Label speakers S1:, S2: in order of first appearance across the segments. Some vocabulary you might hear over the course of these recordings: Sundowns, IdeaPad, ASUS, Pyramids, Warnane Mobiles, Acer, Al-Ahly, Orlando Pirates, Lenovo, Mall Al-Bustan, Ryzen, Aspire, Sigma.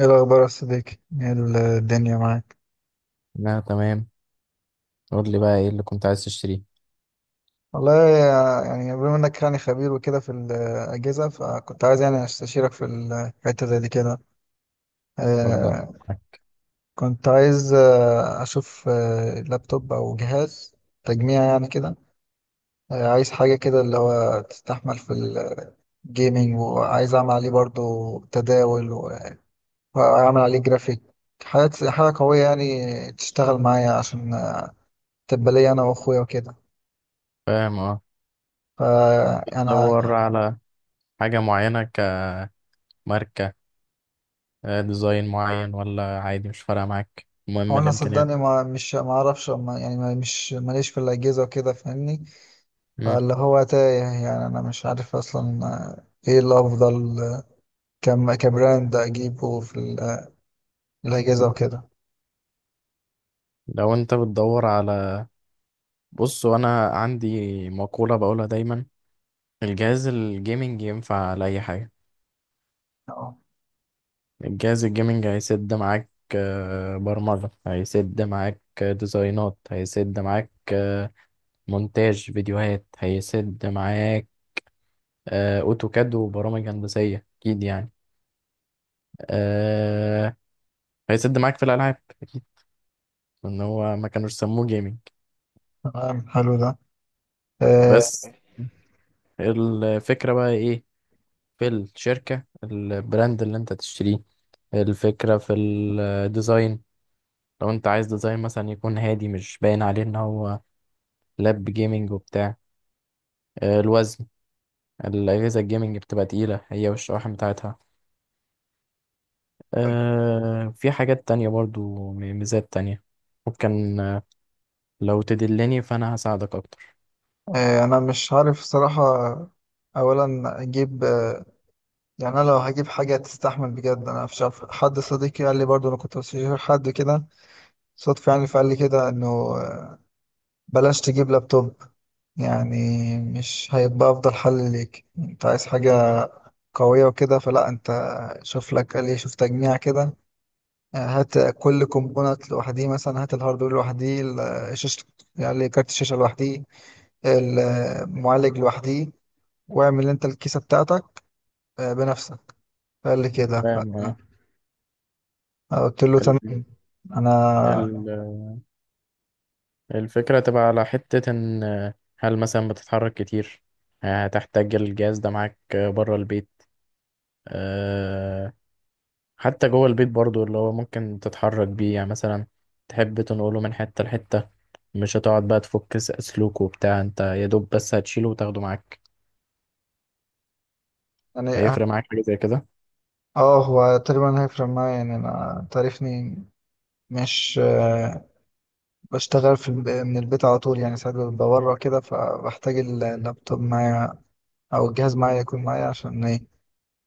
S1: ايه الاخبار يا صديقي؟ ايه الدنيا معاك؟
S2: لا، تمام. قول لي بقى ايه اللي كنت عايز تشتريه؟
S1: والله، يعني بما انك يعني خبير وكده في الاجهزه، فكنت عايز يعني استشيرك في الحته زي دي كده.
S2: اتفضل،
S1: آه،
S2: معاك.
S1: كنت عايز اشوف لابتوب او جهاز تجميع يعني كده. عايز حاجه كده اللي هو تستحمل في الجيمنج، وعايز اعمل عليه برضو تداول واعمل عليه جرافيك. حاجه حاجه قويه يعني تشتغل معايا، عشان تبقى لي انا واخويا وكده.
S2: فاهم، اه.
S1: فانا
S2: بتدور على حاجة معينة؟ كماركة، ديزاين معين، ولا عادي مش فارقة معاك؟
S1: هو
S2: المهم
S1: انا
S2: الإمكانيات.
S1: صدقني، ما مش ما اعرفش ما يعني ما مش ماليش في الاجهزه وكده، فاهمني.
S2: مم.
S1: فاللي هو تايه، يعني انا مش عارف اصلا ايه الافضل، كم كبراند اجيبه في الاجهزه وكده.
S2: لو انت بتدور على، بص، وانا عندي مقولة بقولها دايما: الجهاز الجيمنج ينفع لأي حاجة.
S1: اه
S2: الجهاز الجيمنج هيسد معاك برمجة، هيسد معاك ديزاينات، هيسد معاك مونتاج فيديوهات، هيسد معاك اوتوكاد وبرامج هندسيه، اكيد يعني. آه، هيسد معاك في الالعاب، ان هو ما كانوش سموه جيمنج.
S1: تمام، حلو ده. آه،
S2: بس الفكره بقى ايه؟ في الشركه، البراند اللي انت تشتريه، الفكره في الديزاين. لو انت عايز ديزاين مثلا يكون هادي، مش باين عليه ان هو لاب جيمنج وبتاع. الوزن، الاجهزه الجيمنج بتبقى تقيله هي والشواحن بتاعتها. في حاجات تانية برضو، ميزات تانية ممكن، لو تدلني فانا هساعدك اكتر.
S1: انا مش عارف صراحه. اولا اجيب، يعني انا لو هجيب حاجه تستحمل بجد، انا مش عارف. حد صديقي قال لي برضو، انا كنت بشوف حد كده صدفه يعني، فقال لي كده انه بلاش تجيب لابتوب. يعني مش هيبقى افضل حل ليك، انت عايز حاجة قوية وكده. فلا، انت شوف لك، قال ايه، شوف تجميع كده. هات كل كومبوننت لوحديه، مثلا هات الهاردوير لوحديه، شاشة، يعني كارت الشاشة لوحديه، المعالج لوحديه، واعمل انت الكيسة بتاعتك بنفسك. قال لي كده.
S2: فاهم، اه.
S1: قلت له
S2: ال-
S1: تمام. انا
S2: ال- الفكرة تبقى على حتة ان هل مثلا بتتحرك كتير، هتحتاج الجهاز ده معاك بره البيت؟ آه، حتى جوه البيت برضو اللي هو ممكن تتحرك بيه، يعني مثلا تحب تنقله من حتة لحتة، مش هتقعد بقى تفك سلوك وبتاع، انت يا دوب بس هتشيله وتاخده معاك.
S1: يعني
S2: هيفرق معاك حاجة زي كده؟
S1: اه، هو تقريبا هيفرق معايا. يعني انا تعرفني، مش بشتغل في من البيت على طول. يعني ساعات ببقى بره كده، فبحتاج اللابتوب معايا، أو الجهاز معايا، يكون معايا عشان إيه؟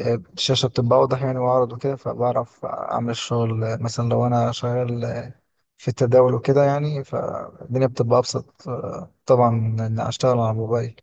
S1: الشاشة بتبقى أوضح يعني وأعرض وكده، فبعرف أعمل الشغل. مثلا لو أنا شغال في التداول وكده، يعني فالدنيا بتبقى أبسط، طبعا، من إن أشتغل على الموبايل.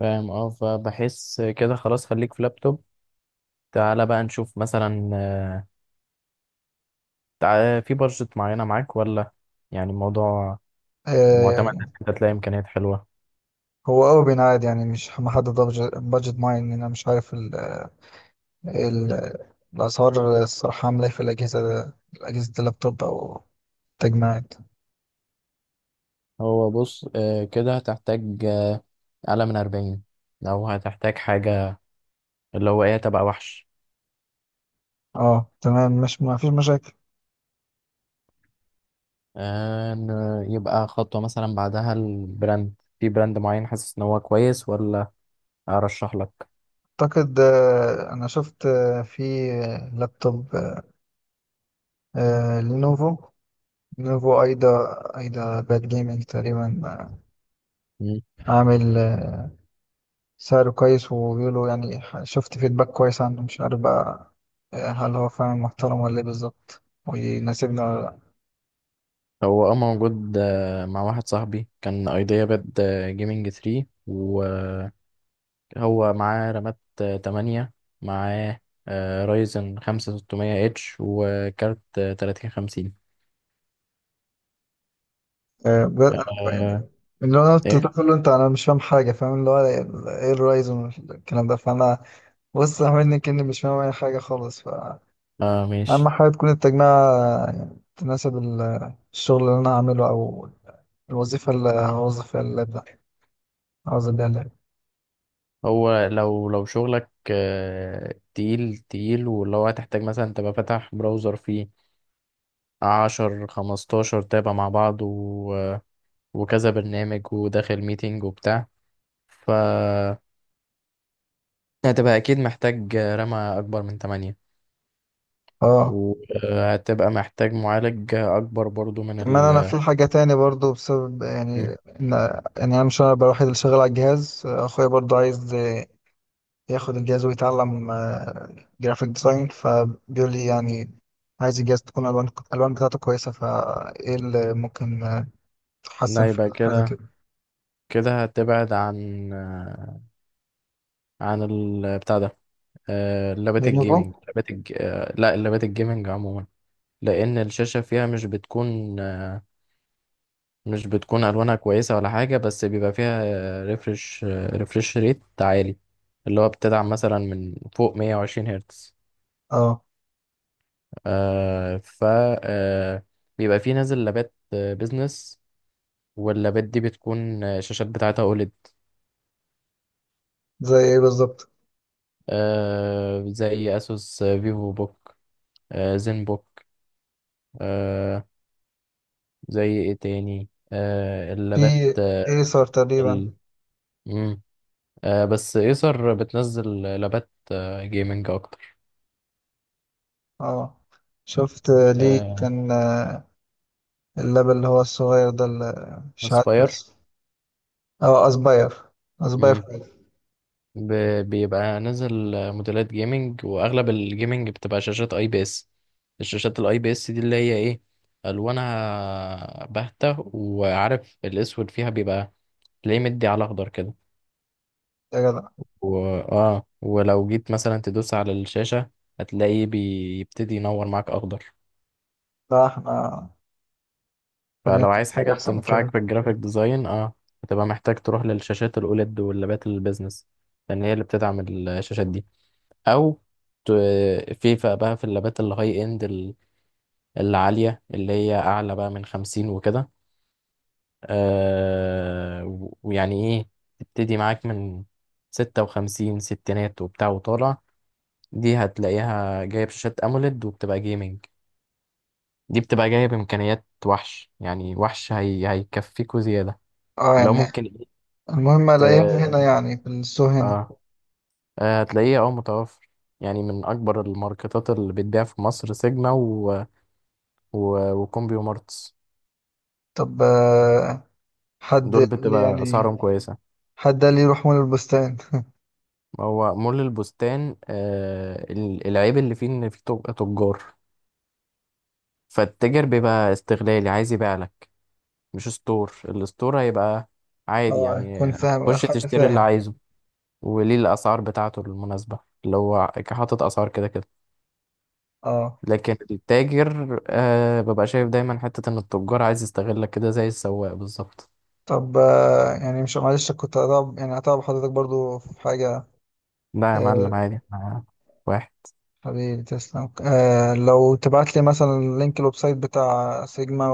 S2: فاهم، اه. فبحس كده خلاص، خليك في لابتوب. تعالى بقى نشوف مثلا، في بادجت معينة معاك، ولا يعني الموضوع معتمد
S1: آه،
S2: إن أنت تلاقي إمكانيات حلوة؟
S1: هو أوي بينعاد، يعني مش محدد بادجت معين. إن أنا مش عارف ال... الأسعار الصراحة عاملة إيه في الأجهزة. اللابتوب أو التجميعات.
S2: هو بص، كده هتحتاج أعلى من أربعين لو هتحتاج حاجة اللي هو إيه، تبقى وحش.
S1: اه تمام، مش ما فيش مشاكل.
S2: إن يبقى خطوة مثلا بعدها البراند، في براند معين حاسس إن هو كويس، ولا أرشح لك؟
S1: اعتقد، انا شفت، في لابتوب آه، لينوفو لينوفو ايدا باد جيمنج تقريبا.
S2: مم.
S1: عامل سعره كويس، وبيقولوا يعني، شفت فيدباك كويس عنه. مش عارف بقى، هل هو فعلا محترم ولا ايه بالظبط، ويناسبنا ولا لا؟
S2: هو موجود مع واحد صاحبي، كان أيديا باد جيمنج 3. هو معاه رامات 8، معاه رايزن 5600 اتش، وكارت 3050.
S1: آه، بجد؟ أنا يعني،
S2: آه.
S1: اللي انا قلت
S2: ايه.
S1: تقول له انت، انا مش فاهم حاجه، فاهم اللي هو ايه الرايزون والكلام ده. فانا بص، عاملني كأني مش فاهم اي حاجه خالص.
S2: اه،
S1: اهم
S2: ماشي.
S1: حاجه تكون التجميعة يعني تناسب الشغل اللي انا هعمله، او الوظيفه اللي هوظف فيها اللاب ده، هوظف بيها اللاب.
S2: هو لو شغلك تقيل تقيل، واللي هو هتحتاج مثلا تبقى فاتح براوزر فيه 10 15 تابع مع بعض، و... آه، وكذا برنامج، وداخل ميتنج وبتاع، ف هتبقى اكيد محتاج رامة اكبر من 8،
S1: اه،
S2: وهتبقى محتاج معالج اكبر برضو من
S1: كمان انا في حاجه تاني برضو بسبب يعني
S2: ال
S1: ان، يعني انا مش انا الوحيد اللي شغال على الجهاز. اخويا برضو عايز ياخد الجهاز ويتعلم جرافيك ديزاين، فبيقول لي يعني عايز الجهاز تكون الالوان بتاعته كويسه. فايه اللي ممكن تحسن
S2: لا،
S1: في
S2: يبقى
S1: حاجه
S2: كده.
S1: كده؟
S2: كده هتبعد عن عن بتاع ده، لابات
S1: لينوفو.
S2: الجيمنج، لابات الج... آه، لا، اللابات الجيمنج عموما. لأن الشاشة فيها مش بتكون ألوانها كويسة ولا حاجة، بس بيبقى فيها ريفرش ريفرش ريت عالي، اللي هو بتدعم مثلا من فوق 120 هرتز.
S1: اه،
S2: آه، ف آه، بيبقى فيه نازل لابات بيزنس، واللابات دي بتكون الشاشات بتاعتها أوليد،
S1: زي ايه بالظبط؟
S2: زي اسوس فيفو بوك، زين بوك، آه زي ايه تاني؟
S1: في
S2: اللابات،
S1: ايسر تقريبا.
S2: ال... مم. بس ايسر بتنزل لابات جيمنج اكتر.
S1: اه، شفت. ليه
S2: آه
S1: كان اللاب اللي هو الصغير ده اللي مش عارف
S2: اسباير.
S1: اسمه؟ اه، اسباير. اسباير
S2: مم.
S1: فايف.
S2: ب... بيبقى نازل موديلات جيمنج، واغلب الجيمنج بتبقى شاشات اي بي اس. الشاشات الاي بي اس دي اللي هي ايه، الوانها باهتة، وعارف الاسود فيها بيبقى تلاقيه مدي على اخضر كده.
S1: يا جدع!
S2: و... اه، ولو جيت مثلا تدوس على الشاشة، هتلاقيه بيبتدي ينور معاك اخضر.
S1: لا، احنا خلينا
S2: فلو
S1: في
S2: عايز حاجة
S1: حاجة احسن من
S2: تنفعك
S1: كده.
S2: في الجرافيك ديزاين، اه، هتبقى محتاج تروح للشاشات الاوليد واللابات البيزنس، لان هي اللي بتدعم الشاشات دي. او ت... في بقى في اللابات الهاي اند، العالية، اللي هي اعلى بقى من خمسين وكده. ويعني ايه، تبتدي معاك من ستة وخمسين، ستينات وبتاع وطالع. دي هتلاقيها جاية بشاشات أموليد وبتبقى جيمنج. دي بتبقى جاية بإمكانيات وحش، يعني وحش. هيكفيكوا زيادة
S1: اه
S2: لو
S1: يعني،
S2: ممكن إيه.
S1: المهم الاقيهم هنا
S2: ت-
S1: يعني، في السوق هنا.
S2: آه هتلاقيه اه، متوفر، يعني من أكبر الماركتات اللي بتبيع في مصر سيجما، وكومبيو مارتس.
S1: طب حد
S2: دول
S1: قال لي
S2: بتبقى
S1: يعني
S2: أسعارهم كويسة.
S1: حد قال لي روح مول البستان
S2: هو مول البستان، العيب اللي فيه إن فيه تجار، فالتاجر بيبقى استغلالي عايز يبيع، مش ستور. الستور هيبقى عادي،
S1: اه،
S2: يعني
S1: يكون فاهم،
S2: هتخش
S1: حد
S2: تشتري اللي
S1: فاهم،
S2: عايزه، وليه الأسعار بتاعته المناسبة، اللي هو حاطط أسعار كده كده.
S1: اه.
S2: لكن التاجر ببقى شايف دايما حتة إن التجار عايز يستغلك كده، زي السواق بالظبط.
S1: طب يعني مش، معلش كنت هتعب، يعني هتعب حضرتك برضو في حاجة.
S2: لا يا معلم،
S1: آه،
S2: عادي، احنا واحد.
S1: حبيبي تسلم. آه، لو تبعت لي مثلا لينك الويب سايت بتاع سيجما،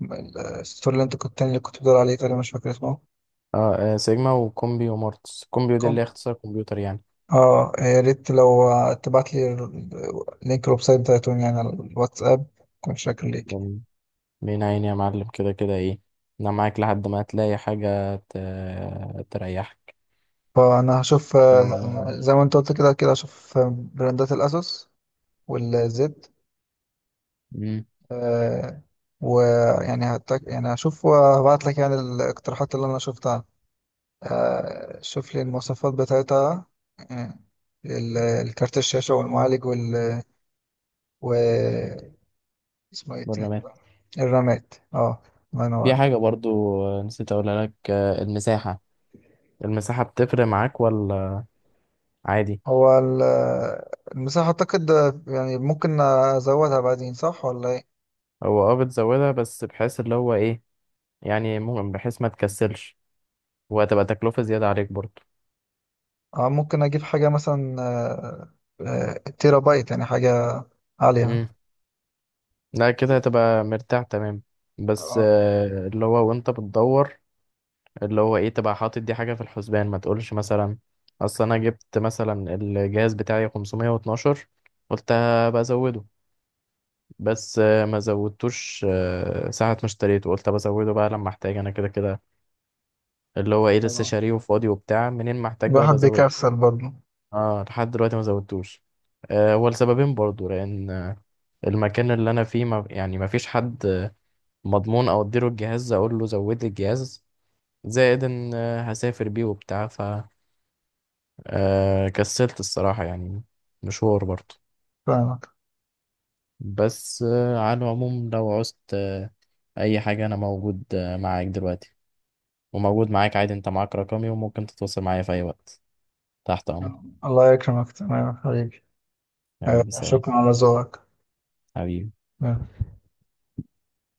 S1: والستور اللي انت كنت، التاني اللي كنت بتقول عليه، تقريبا مش فاكر اسمه.
S2: اه، سيجما وكومبي ومورتس، كومبي دي اللي هي
S1: كوم.
S2: اختصار كمبيوتر يعني.
S1: اه، يا ريت لو تبعت لي لينك الويب سايت بتاعتهم، يعني على الواتساب، كنت شاكر ليك.
S2: بن- بين عيني يا معلم، كده كده ايه، انا معاك لحد ما هتلاقي حاجة تريحك.
S1: فانا هشوف،
S2: آه،
S1: زي ما انت قلت، كده كده هشوف براندات الاسوس والزد.
S2: مم،
S1: آه، ويعني يعني هشوف وهبعت لك يعني الاقتراحات اللي انا شفتها. شوف لي المواصفات بتاعتها، آه، الكارت الشاشة، والمعالج، وال و اسمه ايه تاني؟
S2: بالرمات.
S1: الرامات، اه. الله
S2: في
S1: ينور.
S2: حاجة برضو نسيت أقولها لك، المساحة بتفرق معاك، ولا عادي؟
S1: هو المساحة أعتقد يعني ممكن أزودها بعدين، صح ولا ايه؟
S2: هو اه، بتزودها، بس بحيث اللي هو ايه، يعني ممكن بحيث ما تكسلش، وهتبقى تكلفة زيادة عليك برضو.
S1: اه، ممكن أجيب حاجة مثلا، تيرا بايت، يعني حاجة عالية.
S2: مم. لا، كده هتبقى مرتاح تمام. بس
S1: اه
S2: اللي هو وانت بتدور، اللي هو ايه، تبقى حاطط دي حاجة في الحسبان، ما تقولش مثلا اصل انا جبت مثلا الجهاز بتاعي 512، قلت بزوده، بس ما زودتوش. ساعة ما اشتريته قلت بزوده بقى لما احتاج، انا كده كده اللي هو ايه لسه
S1: طبعا،
S2: شاريه وفاضي وبتاع، منين ما احتاج بقى
S1: الواحد
S2: بزوده.
S1: بيكسل برضه.
S2: اه، لحد دلوقتي ما زودتوش. هو لسببين برضو، لان المكان اللي انا فيه ما فيش حد مضمون او اديله الجهاز اقول له زود لي الجهاز، زائد ان هسافر بيه وبتاع، ف كسلت الصراحة يعني، مشوار برضو.
S1: فاهمك.
S2: بس على العموم، لو عوزت اي حاجة، انا موجود معاك دلوقتي، وموجود معاك عادي، انت معاك رقمي وممكن تتواصل معايا في اي وقت. تحت امرك.
S1: آه. الله يكرمك. تمام يا حبيبي. آه،
S2: حبيبي، سلام.
S1: شكرا على ذوقك.
S2: حبيبي.
S1: آه.